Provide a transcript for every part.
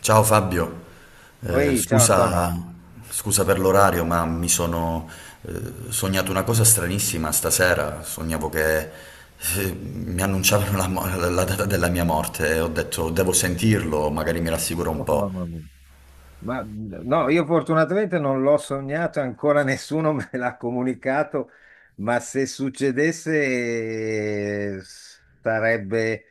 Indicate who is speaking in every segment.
Speaker 1: Ciao Fabio. Eh,
Speaker 2: Ehi, ciao Antonio.
Speaker 1: scusa, Scusa per l'orario, ma mi sono eh, sognato una cosa stranissima stasera. Sognavo che mi annunciavano la data della mia morte e ho detto devo sentirlo, magari mi rassicura un
Speaker 2: Oh,
Speaker 1: po'.
Speaker 2: mamma mia. Ma no, io fortunatamente non l'ho sognato, ancora nessuno me l'ha comunicato, ma se succedesse, sarebbe,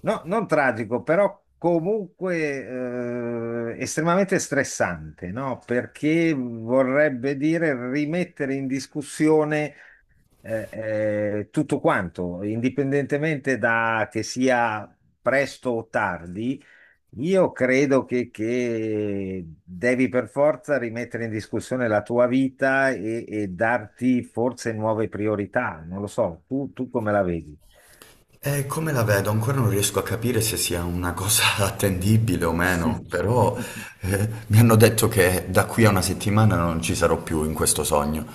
Speaker 2: no, non tragico, però comunque estremamente stressante, no? Perché vorrebbe dire rimettere in discussione tutto quanto, indipendentemente da che sia presto o tardi. Io credo che devi per forza rimettere in discussione la tua vita e darti forse nuove priorità. Non lo so, tu come la vedi?
Speaker 1: Come la vedo? Ancora non riesco a capire se sia una cosa attendibile o meno, però
Speaker 2: Mm.
Speaker 1: mi hanno detto che da qui a una settimana non ci sarò più in questo sogno,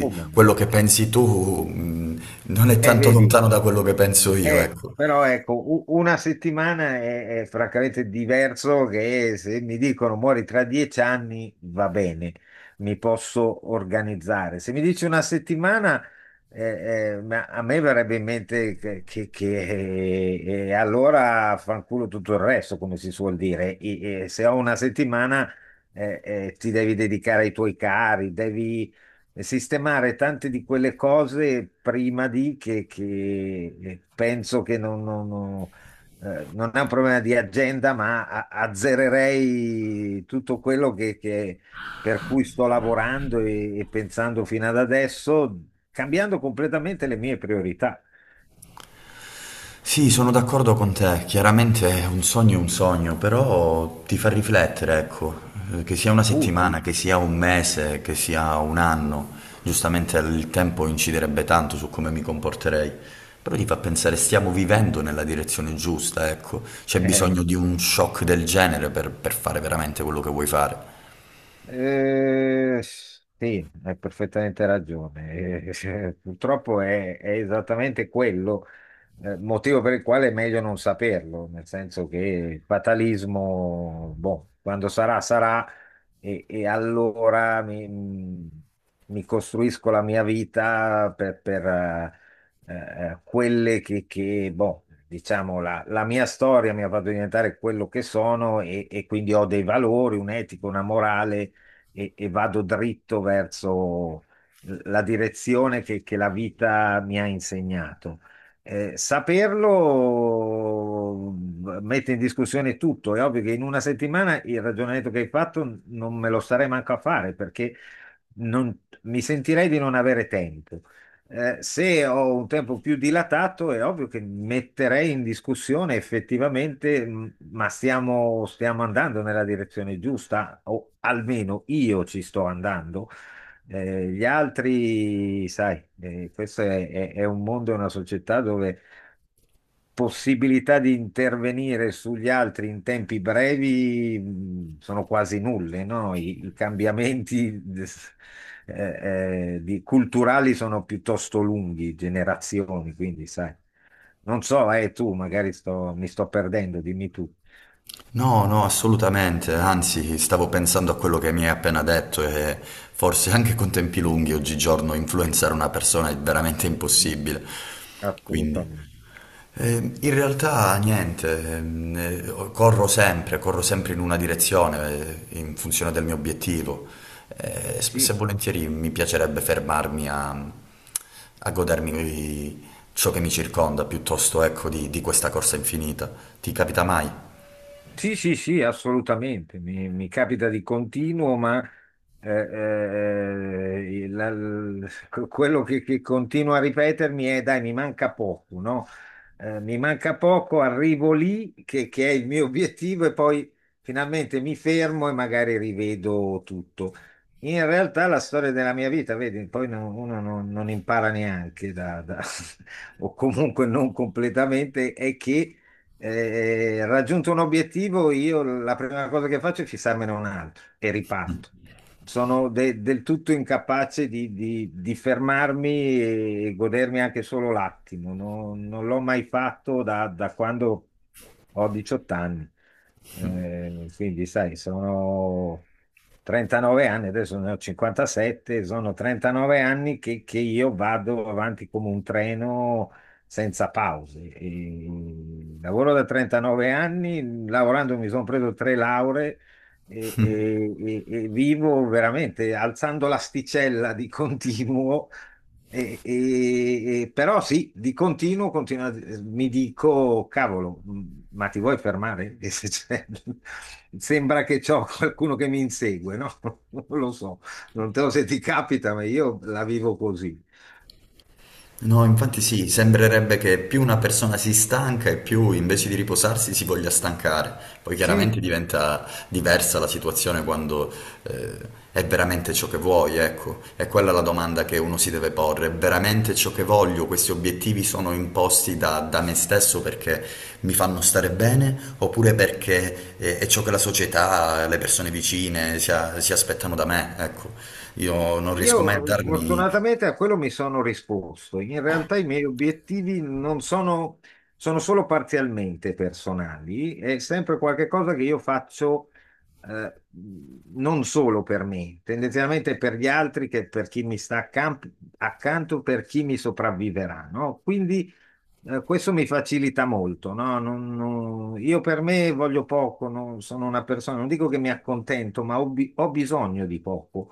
Speaker 2: Oh mamma
Speaker 1: quello
Speaker 2: mia.
Speaker 1: che pensi tu non è tanto
Speaker 2: Vedi,
Speaker 1: lontano da quello che penso io, ecco.
Speaker 2: Però ecco, una settimana è francamente diverso che se mi dicono muori tra 10 anni, va bene, mi posso organizzare. Se mi dici una settimana, ma a me verrebbe in mente e allora fanculo tutto il resto, come si suol dire. E se ho una settimana, ti devi dedicare ai tuoi cari, devi e sistemare tante di quelle cose prima di penso che non è un problema di agenda, ma azzererei tutto quello per cui sto lavorando e pensando fino ad adesso, cambiando completamente le mie priorità.
Speaker 1: Sì, sono d'accordo con te, chiaramente un sogno è un sogno, però ti fa riflettere, ecco. Che sia una
Speaker 2: Sì.
Speaker 1: settimana, che sia un mese, che sia un anno, giustamente il tempo inciderebbe tanto su come mi comporterei, però ti fa pensare stiamo vivendo nella direzione giusta, ecco, c'è
Speaker 2: Eh.
Speaker 1: bisogno di un shock del genere per fare veramente quello che vuoi fare.
Speaker 2: Sì, hai perfettamente ragione. Cioè, purtroppo è esattamente quello, motivo per il quale è meglio non saperlo, nel senso che il fatalismo, boh, quando sarà, sarà, e allora mi costruisco la mia vita quelle boh, diciamo, la mia storia mi ha fatto diventare quello che sono e quindi ho dei valori, un'etica, una morale e vado dritto verso la direzione che la vita mi ha insegnato. Saperlo mette in discussione tutto. È ovvio che in una settimana il ragionamento che hai fatto non me lo starei manco a fare perché non- mi sentirei di non avere tempo. Se ho un tempo più dilatato, è ovvio che metterei in discussione effettivamente, ma stiamo andando nella direzione giusta, o almeno io ci sto andando. Gli altri, sai, questo è un mondo, è una società dove possibilità di intervenire sugli altri in tempi brevi, sono quasi nulle, no? I cambiamenti culturali sono piuttosto lunghi, generazioni, quindi sai. Non so, tu magari mi sto perdendo, dimmi tu.
Speaker 1: No, no, assolutamente, anzi, stavo pensando a quello che mi hai appena detto e forse anche con tempi lunghi oggigiorno influenzare una persona è veramente
Speaker 2: Mm.
Speaker 1: impossibile. Quindi,
Speaker 2: Assolutamente.
Speaker 1: in realtà niente, corro sempre in una direzione, in funzione del mio obiettivo. Spesso e
Speaker 2: Sì.
Speaker 1: volentieri mi piacerebbe fermarmi a, a godermi ciò che mi circonda piuttosto, ecco, di questa corsa infinita. Ti capita mai?
Speaker 2: Sì, sì, sì, assolutamente, mi capita di continuo, ma eh, eh, la- l- quello che continuo a ripetermi è dai, mi manca poco, no? Mi manca poco, arrivo lì, che è il mio obiettivo, e poi finalmente mi fermo e magari rivedo tutto. In realtà la storia della mia vita, vedi, poi uno non impara neanche o comunque non completamente, è che raggiunto un obiettivo, io la prima cosa che faccio è fissarmene un altro e riparto. Sono del tutto incapace di fermarmi e godermi anche solo l'attimo. Non l'ho mai fatto da quando ho 18 anni. Quindi, sai, sono 39 anni, adesso ne ho 57, sono 39 anni che io vado avanti come un treno senza pause. E lavoro da 39 anni, lavorando mi sono preso tre lauree e vivo veramente alzando l'asticella di continuo. Però sì, di continuo, mi dico, cavolo, ma ti vuoi fermare? E se c'è- Sembra che c'ho qualcuno che mi insegue, no? Non lo so, non te lo so se ti capita, ma io la vivo così.
Speaker 1: No, infatti sì, sembrerebbe che più una persona si stanca e più invece di riposarsi si voglia stancare. Poi
Speaker 2: Sì.
Speaker 1: chiaramente diventa diversa la situazione quando eh, è veramente ciò che vuoi, ecco. È quella la domanda che uno si deve porre. È veramente ciò che voglio? Questi obiettivi sono imposti da me stesso perché mi fanno stare bene oppure perché è ciò che la società, le persone vicine si aspettano da me, ecco. Io non riesco mai a
Speaker 2: Io
Speaker 1: darmi.
Speaker 2: fortunatamente a quello mi sono risposto. In realtà i miei obiettivi non sono, sono solo parzialmente personali, è sempre qualcosa che io faccio eh, non solo per me, tendenzialmente per gli altri, che per chi mi sta accanto, per chi mi sopravviverà, no? Quindi questo mi facilita molto, no? Io per me voglio poco, non sono una persona, non dico che mi accontento, ma ho bisogno di poco.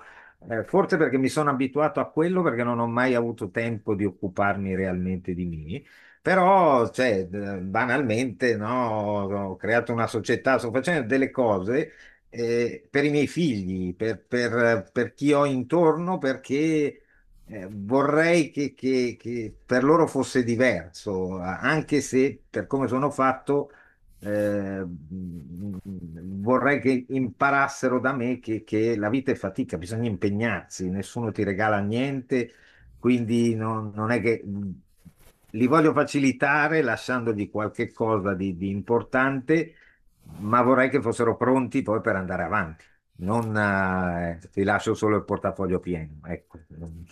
Speaker 2: Forse perché mi sono abituato a quello, perché non ho mai avuto tempo di occuparmi realmente di me. Però, cioè, banalmente, no, ho creato una società, sto facendo delle cose per i miei figli, per chi ho intorno, perché vorrei che per loro fosse diverso, anche se per come sono fatto, eh, mh, vorrei che imparassero da me che la vita è fatica, bisogna impegnarsi, nessuno ti regala niente, quindi non è che, li voglio facilitare lasciandogli qualche cosa di importante, ma vorrei che fossero pronti poi per andare avanti. Non, ti lascio solo il portafoglio pieno, ecco.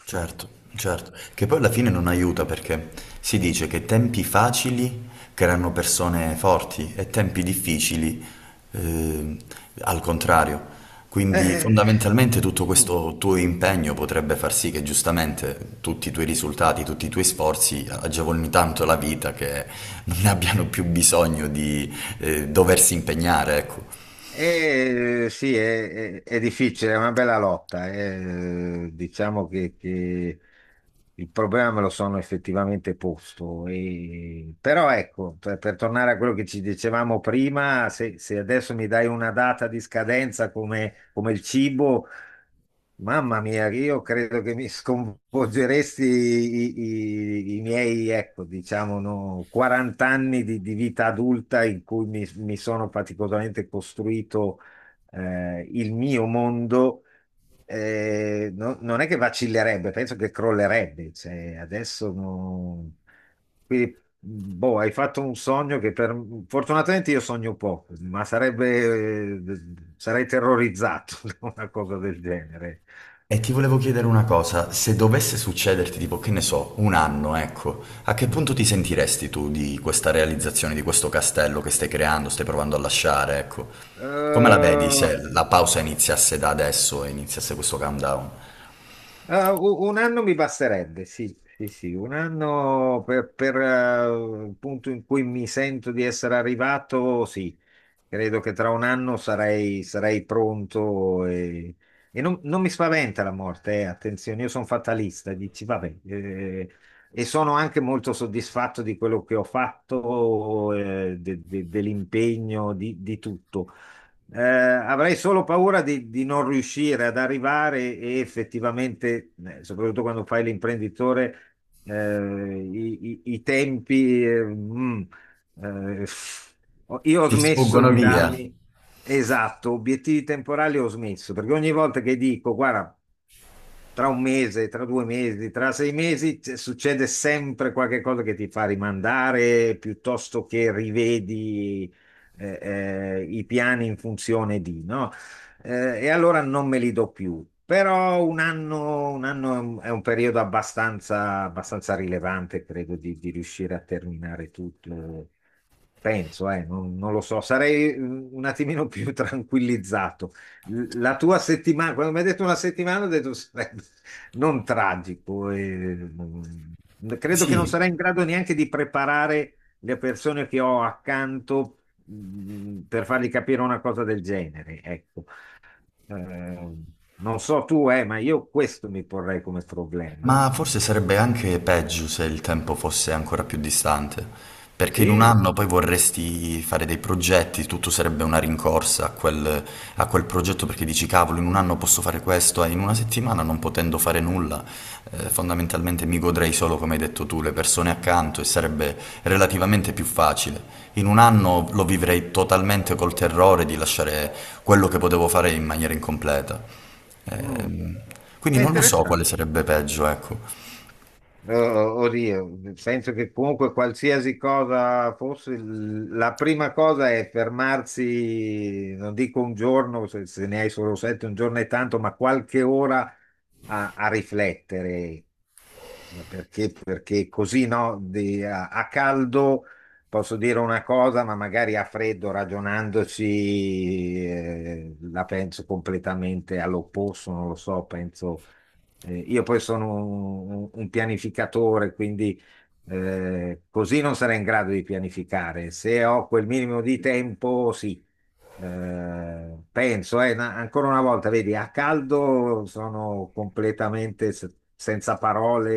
Speaker 1: Certo, certo, che poi alla fine non aiuta perché si dice che tempi facili creano persone forti e tempi difficili eh, al contrario. Quindi
Speaker 2: Eh,
Speaker 1: fondamentalmente tutto
Speaker 2: mm.
Speaker 1: questo tuo impegno potrebbe far sì che giustamente tutti i tuoi risultati, tutti i tuoi sforzi agevolino tanto la vita che non ne abbiano più bisogno di doversi impegnare, ecco.
Speaker 2: Sì, è difficile, è una bella lotta. Diciamo che il problema me lo sono effettivamente posto. Però ecco, per tornare a quello che ci dicevamo prima, se adesso mi dai una data di scadenza come, come il cibo. Mamma mia, io credo che mi sconvolgeresti i miei, ecco, diciamo, no, 40 anni di vita adulta in cui mi sono faticosamente costruito, il mio mondo. Non è che vacillerebbe, penso che crollerebbe. Cioè, adesso quindi... Boh, hai fatto un sogno che per... Fortunatamente io sogno poco, ma sarebbe... sarei terrorizzato da una cosa del genere.
Speaker 1: E ti volevo chiedere una cosa, se dovesse succederti, tipo, che ne so, un anno, ecco, a che
Speaker 2: Mm.
Speaker 1: punto ti sentiresti tu di questa realizzazione, di questo castello che stai creando, stai provando a lasciare, ecco? Come la vedi
Speaker 2: Eh,
Speaker 1: se la pausa iniziasse da adesso e iniziasse questo countdown?
Speaker 2: un anno mi basterebbe, sì, sì, sì, un anno per, il punto in cui mi sento di essere arrivato, sì. Credo che tra un anno sarei pronto e non mi spaventa la morte, attenzione, io sono fatalista, dici, vabbè, e sono anche molto soddisfatto di quello che ho fatto, dell'impegno, di tutto. Avrei solo paura di non riuscire ad arrivare e, effettivamente, soprattutto quando fai l'imprenditore, eh, i tempi, eh, io ho
Speaker 1: Ti
Speaker 2: smesso
Speaker 1: sfuggono
Speaker 2: di
Speaker 1: via?
Speaker 2: darmi, esatto, obiettivi temporali ho smesso, perché ogni volta che dico, guarda, tra un mese, tra 2 mesi, tra 6 mesi, succede sempre qualche cosa che ti fa rimandare piuttosto che rivedi eh, i piani in funzione di, no? E allora non me li do più. Però un anno è un periodo abbastanza rilevante, credo, di riuscire a terminare tutto. Penso, non lo so, sarei, un attimino più tranquillizzato. La tua settimana, quando mi hai detto una settimana, ho detto sarebbe non tragico. E, mm, credo che non
Speaker 1: Sì.
Speaker 2: sarei in grado neanche di preparare le persone che ho accanto, per fargli capire una cosa del genere. Ecco. Eh, Non so tu, ma io questo mi porrei come problema.
Speaker 1: Ma forse sarebbe anche peggio se il tempo fosse ancora più distante, perché in un
Speaker 2: Sì,
Speaker 1: anno poi vorresti fare dei progetti, tutto sarebbe una rincorsa a quel progetto perché dici cavolo, in un anno posso fare questo, e in una settimana non potendo fare nulla, fondamentalmente mi godrei solo, come hai detto tu, le persone accanto e sarebbe relativamente più facile. In un anno lo vivrei totalmente col terrore di lasciare quello che potevo fare in maniera incompleta.
Speaker 2: mm,
Speaker 1: Ehm, quindi
Speaker 2: è
Speaker 1: non lo so quale
Speaker 2: interessante.
Speaker 1: sarebbe peggio, ecco.
Speaker 2: Oddio, penso che comunque qualsiasi cosa fosse, la prima cosa è fermarsi, non dico un giorno, se ne hai solo sette, un giorno è tanto, ma qualche ora a riflettere. Ma perché così, no, a caldo posso dire una cosa, ma magari a freddo ragionandoci, la penso completamente all'opposto, non lo so, penso, io poi sono un pianificatore, quindi così non sarei in grado di pianificare. Se ho quel minimo di tempo, sì. Penso, ancora una volta, vedi, a caldo sono completamente senza parole,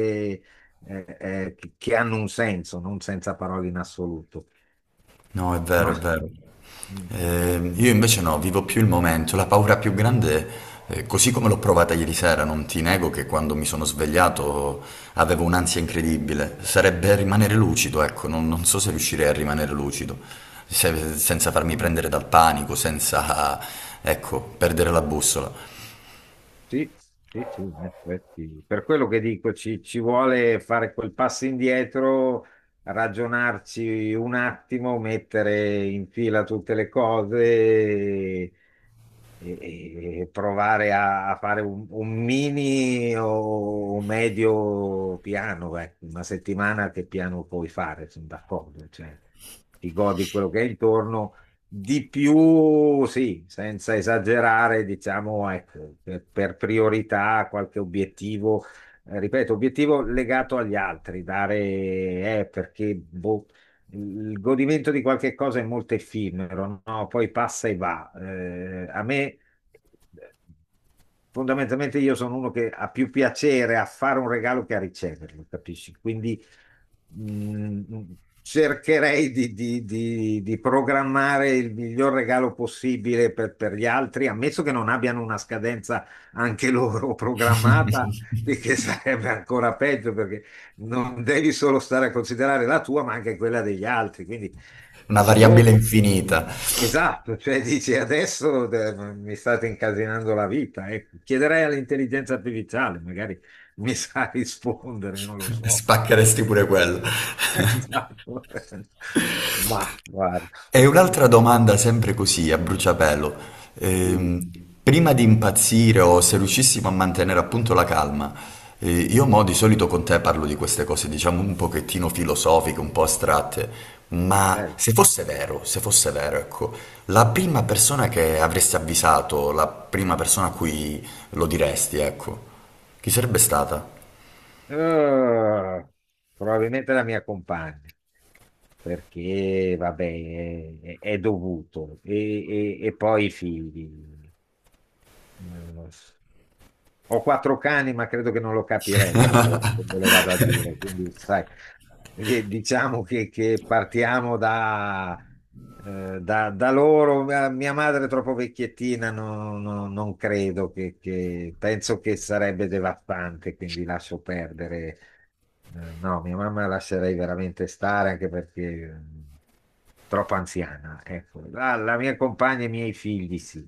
Speaker 2: che hanno un senso, non senza parole in assoluto.
Speaker 1: No, è vero,
Speaker 2: Ma
Speaker 1: è vero.
Speaker 2: mm,
Speaker 1: Io invece no, vivo più il momento. La paura più grande, così come l'ho provata ieri sera, non ti nego che quando mi sono svegliato avevo un'ansia incredibile. Sarebbe rimanere lucido, ecco, non, non so se riuscirei a rimanere lucido, senza farmi
Speaker 2: mm.
Speaker 1: prendere dal panico, senza, ecco, perdere la bussola.
Speaker 2: Sì, sì, sì, in effetti. Per quello che dico, ci vuole fare quel passo indietro, ragionarci un attimo, mettere in fila tutte le cose e provare a fare un mini o un medio piano. Ecco. Una settimana che piano puoi fare? Sono d'accordo, cioè, ti godi quello che hai intorno di più, sì, senza esagerare, diciamo, ecco, per priorità qualche obiettivo, ripeto, obiettivo legato agli altri, dare, perché boh, il godimento di qualche cosa è molto effimero, no? Poi passa e va. A me, fondamentalmente, io sono uno che ha più piacere a fare un regalo che a riceverlo, capisci? Quindi Mm, mm, cercherei di programmare il miglior regalo possibile per gli altri, ammesso che non abbiano una scadenza anche loro programmata, e che sarebbe ancora peggio perché non devi solo stare a considerare la tua, ma anche quella degli altri. Quindi
Speaker 1: Una
Speaker 2: dici,
Speaker 1: variabile
Speaker 2: boh.
Speaker 1: infinita.
Speaker 2: Esatto, cioè dici adesso, mi state incasinando la vita, ecco. Chiederei all'intelligenza artificiale, magari mi sa rispondere, non lo so.
Speaker 1: Spaccheresti pure quello.
Speaker 2: Esatto. Ma guarda,
Speaker 1: E un'altra domanda sempre così, a bruciapelo.
Speaker 2: sì,
Speaker 1: Ehm, Prima di impazzire o se riuscissimo a mantenere appunto la calma, io mo di solito con te parlo di queste cose, diciamo un pochettino filosofiche, un po' astratte, ma
Speaker 2: bello.
Speaker 1: se fosse vero, se fosse vero, ecco, la prima persona che avresti avvisato, la prima persona a cui lo diresti, ecco, chi sarebbe stata?
Speaker 2: Eh, Probabilmente la mia compagna, perché vabbè, è dovuto. E poi i figli. Eh, Ho quattro cani, ma credo che non lo capirebbero loro, me lo vado a dire. Quindi, sai, diciamo che partiamo da, da loro. Mia madre è troppo vecchiettina, non credo penso che sarebbe devastante, quindi lascio perdere. No, mia mamma la lascerei veramente stare anche perché, mm, troppo anziana. Ecco. La mia compagna e i miei figli, sì.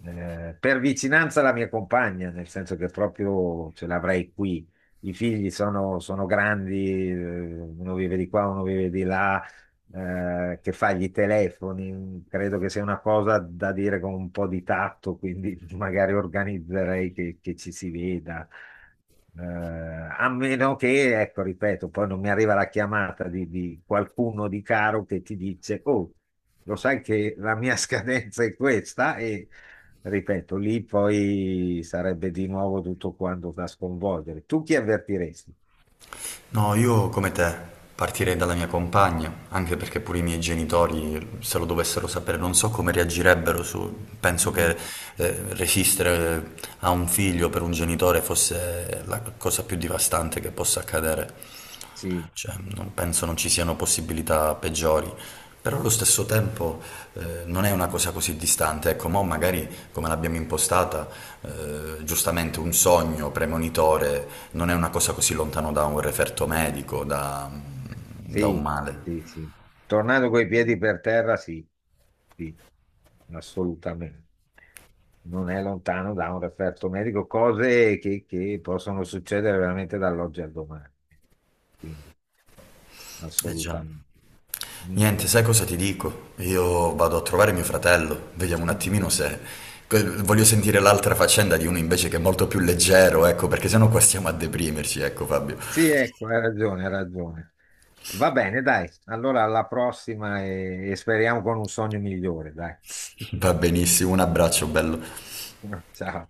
Speaker 2: Per vicinanza la mia compagna, nel senso che proprio ce l'avrei qui. I figli sono grandi, uno vive di qua, uno vive di là, che fa gli telefoni, credo che sia una cosa da dire con un po' di tatto, quindi magari organizzerei che ci si veda. A meno che, ecco, ripeto, poi non mi arriva la chiamata di qualcuno di caro che ti dice, oh, lo sai che la mia scadenza è questa, e ripeto, lì poi sarebbe di nuovo tutto quanto da sconvolgere. Tu chi avvertiresti?
Speaker 1: No, io come te partirei dalla mia compagna, anche perché pure i miei genitori, se lo dovessero sapere, non so come reagirebbero su... Penso
Speaker 2: Mm,
Speaker 1: che resistere a un figlio per un genitore fosse la cosa più devastante che possa accadere.
Speaker 2: sì.
Speaker 1: Cioè, non penso non ci siano possibilità peggiori, però allo stesso tempo non è una cosa così distante. Ecco, mo magari come l'abbiamo impostata, giustamente un sogno premonitore non è una cosa così lontano da un referto medico, da, da un
Speaker 2: Sì,
Speaker 1: male.
Speaker 2: sì, sì. Tornando coi piedi per terra, sì, sì, assolutamente. Non è lontano da un referto medico, cose che possono succedere veramente dall'oggi al domani. Quindi,
Speaker 1: Eh già.
Speaker 2: assolutamente. Mm,
Speaker 1: Niente,
Speaker 2: mm.
Speaker 1: sai cosa ti dico? Io vado a trovare mio fratello, vediamo un attimino se... Voglio sentire l'altra faccenda di uno invece che è molto più leggero, ecco, perché sennò qua stiamo a deprimerci, ecco Fabio.
Speaker 2: Sì, ecco, hai ragione, hai ragione. Va bene, dai. Allora, alla prossima e speriamo con un sogno migliore, dai.
Speaker 1: Va benissimo, un abbraccio bello.
Speaker 2: Ciao.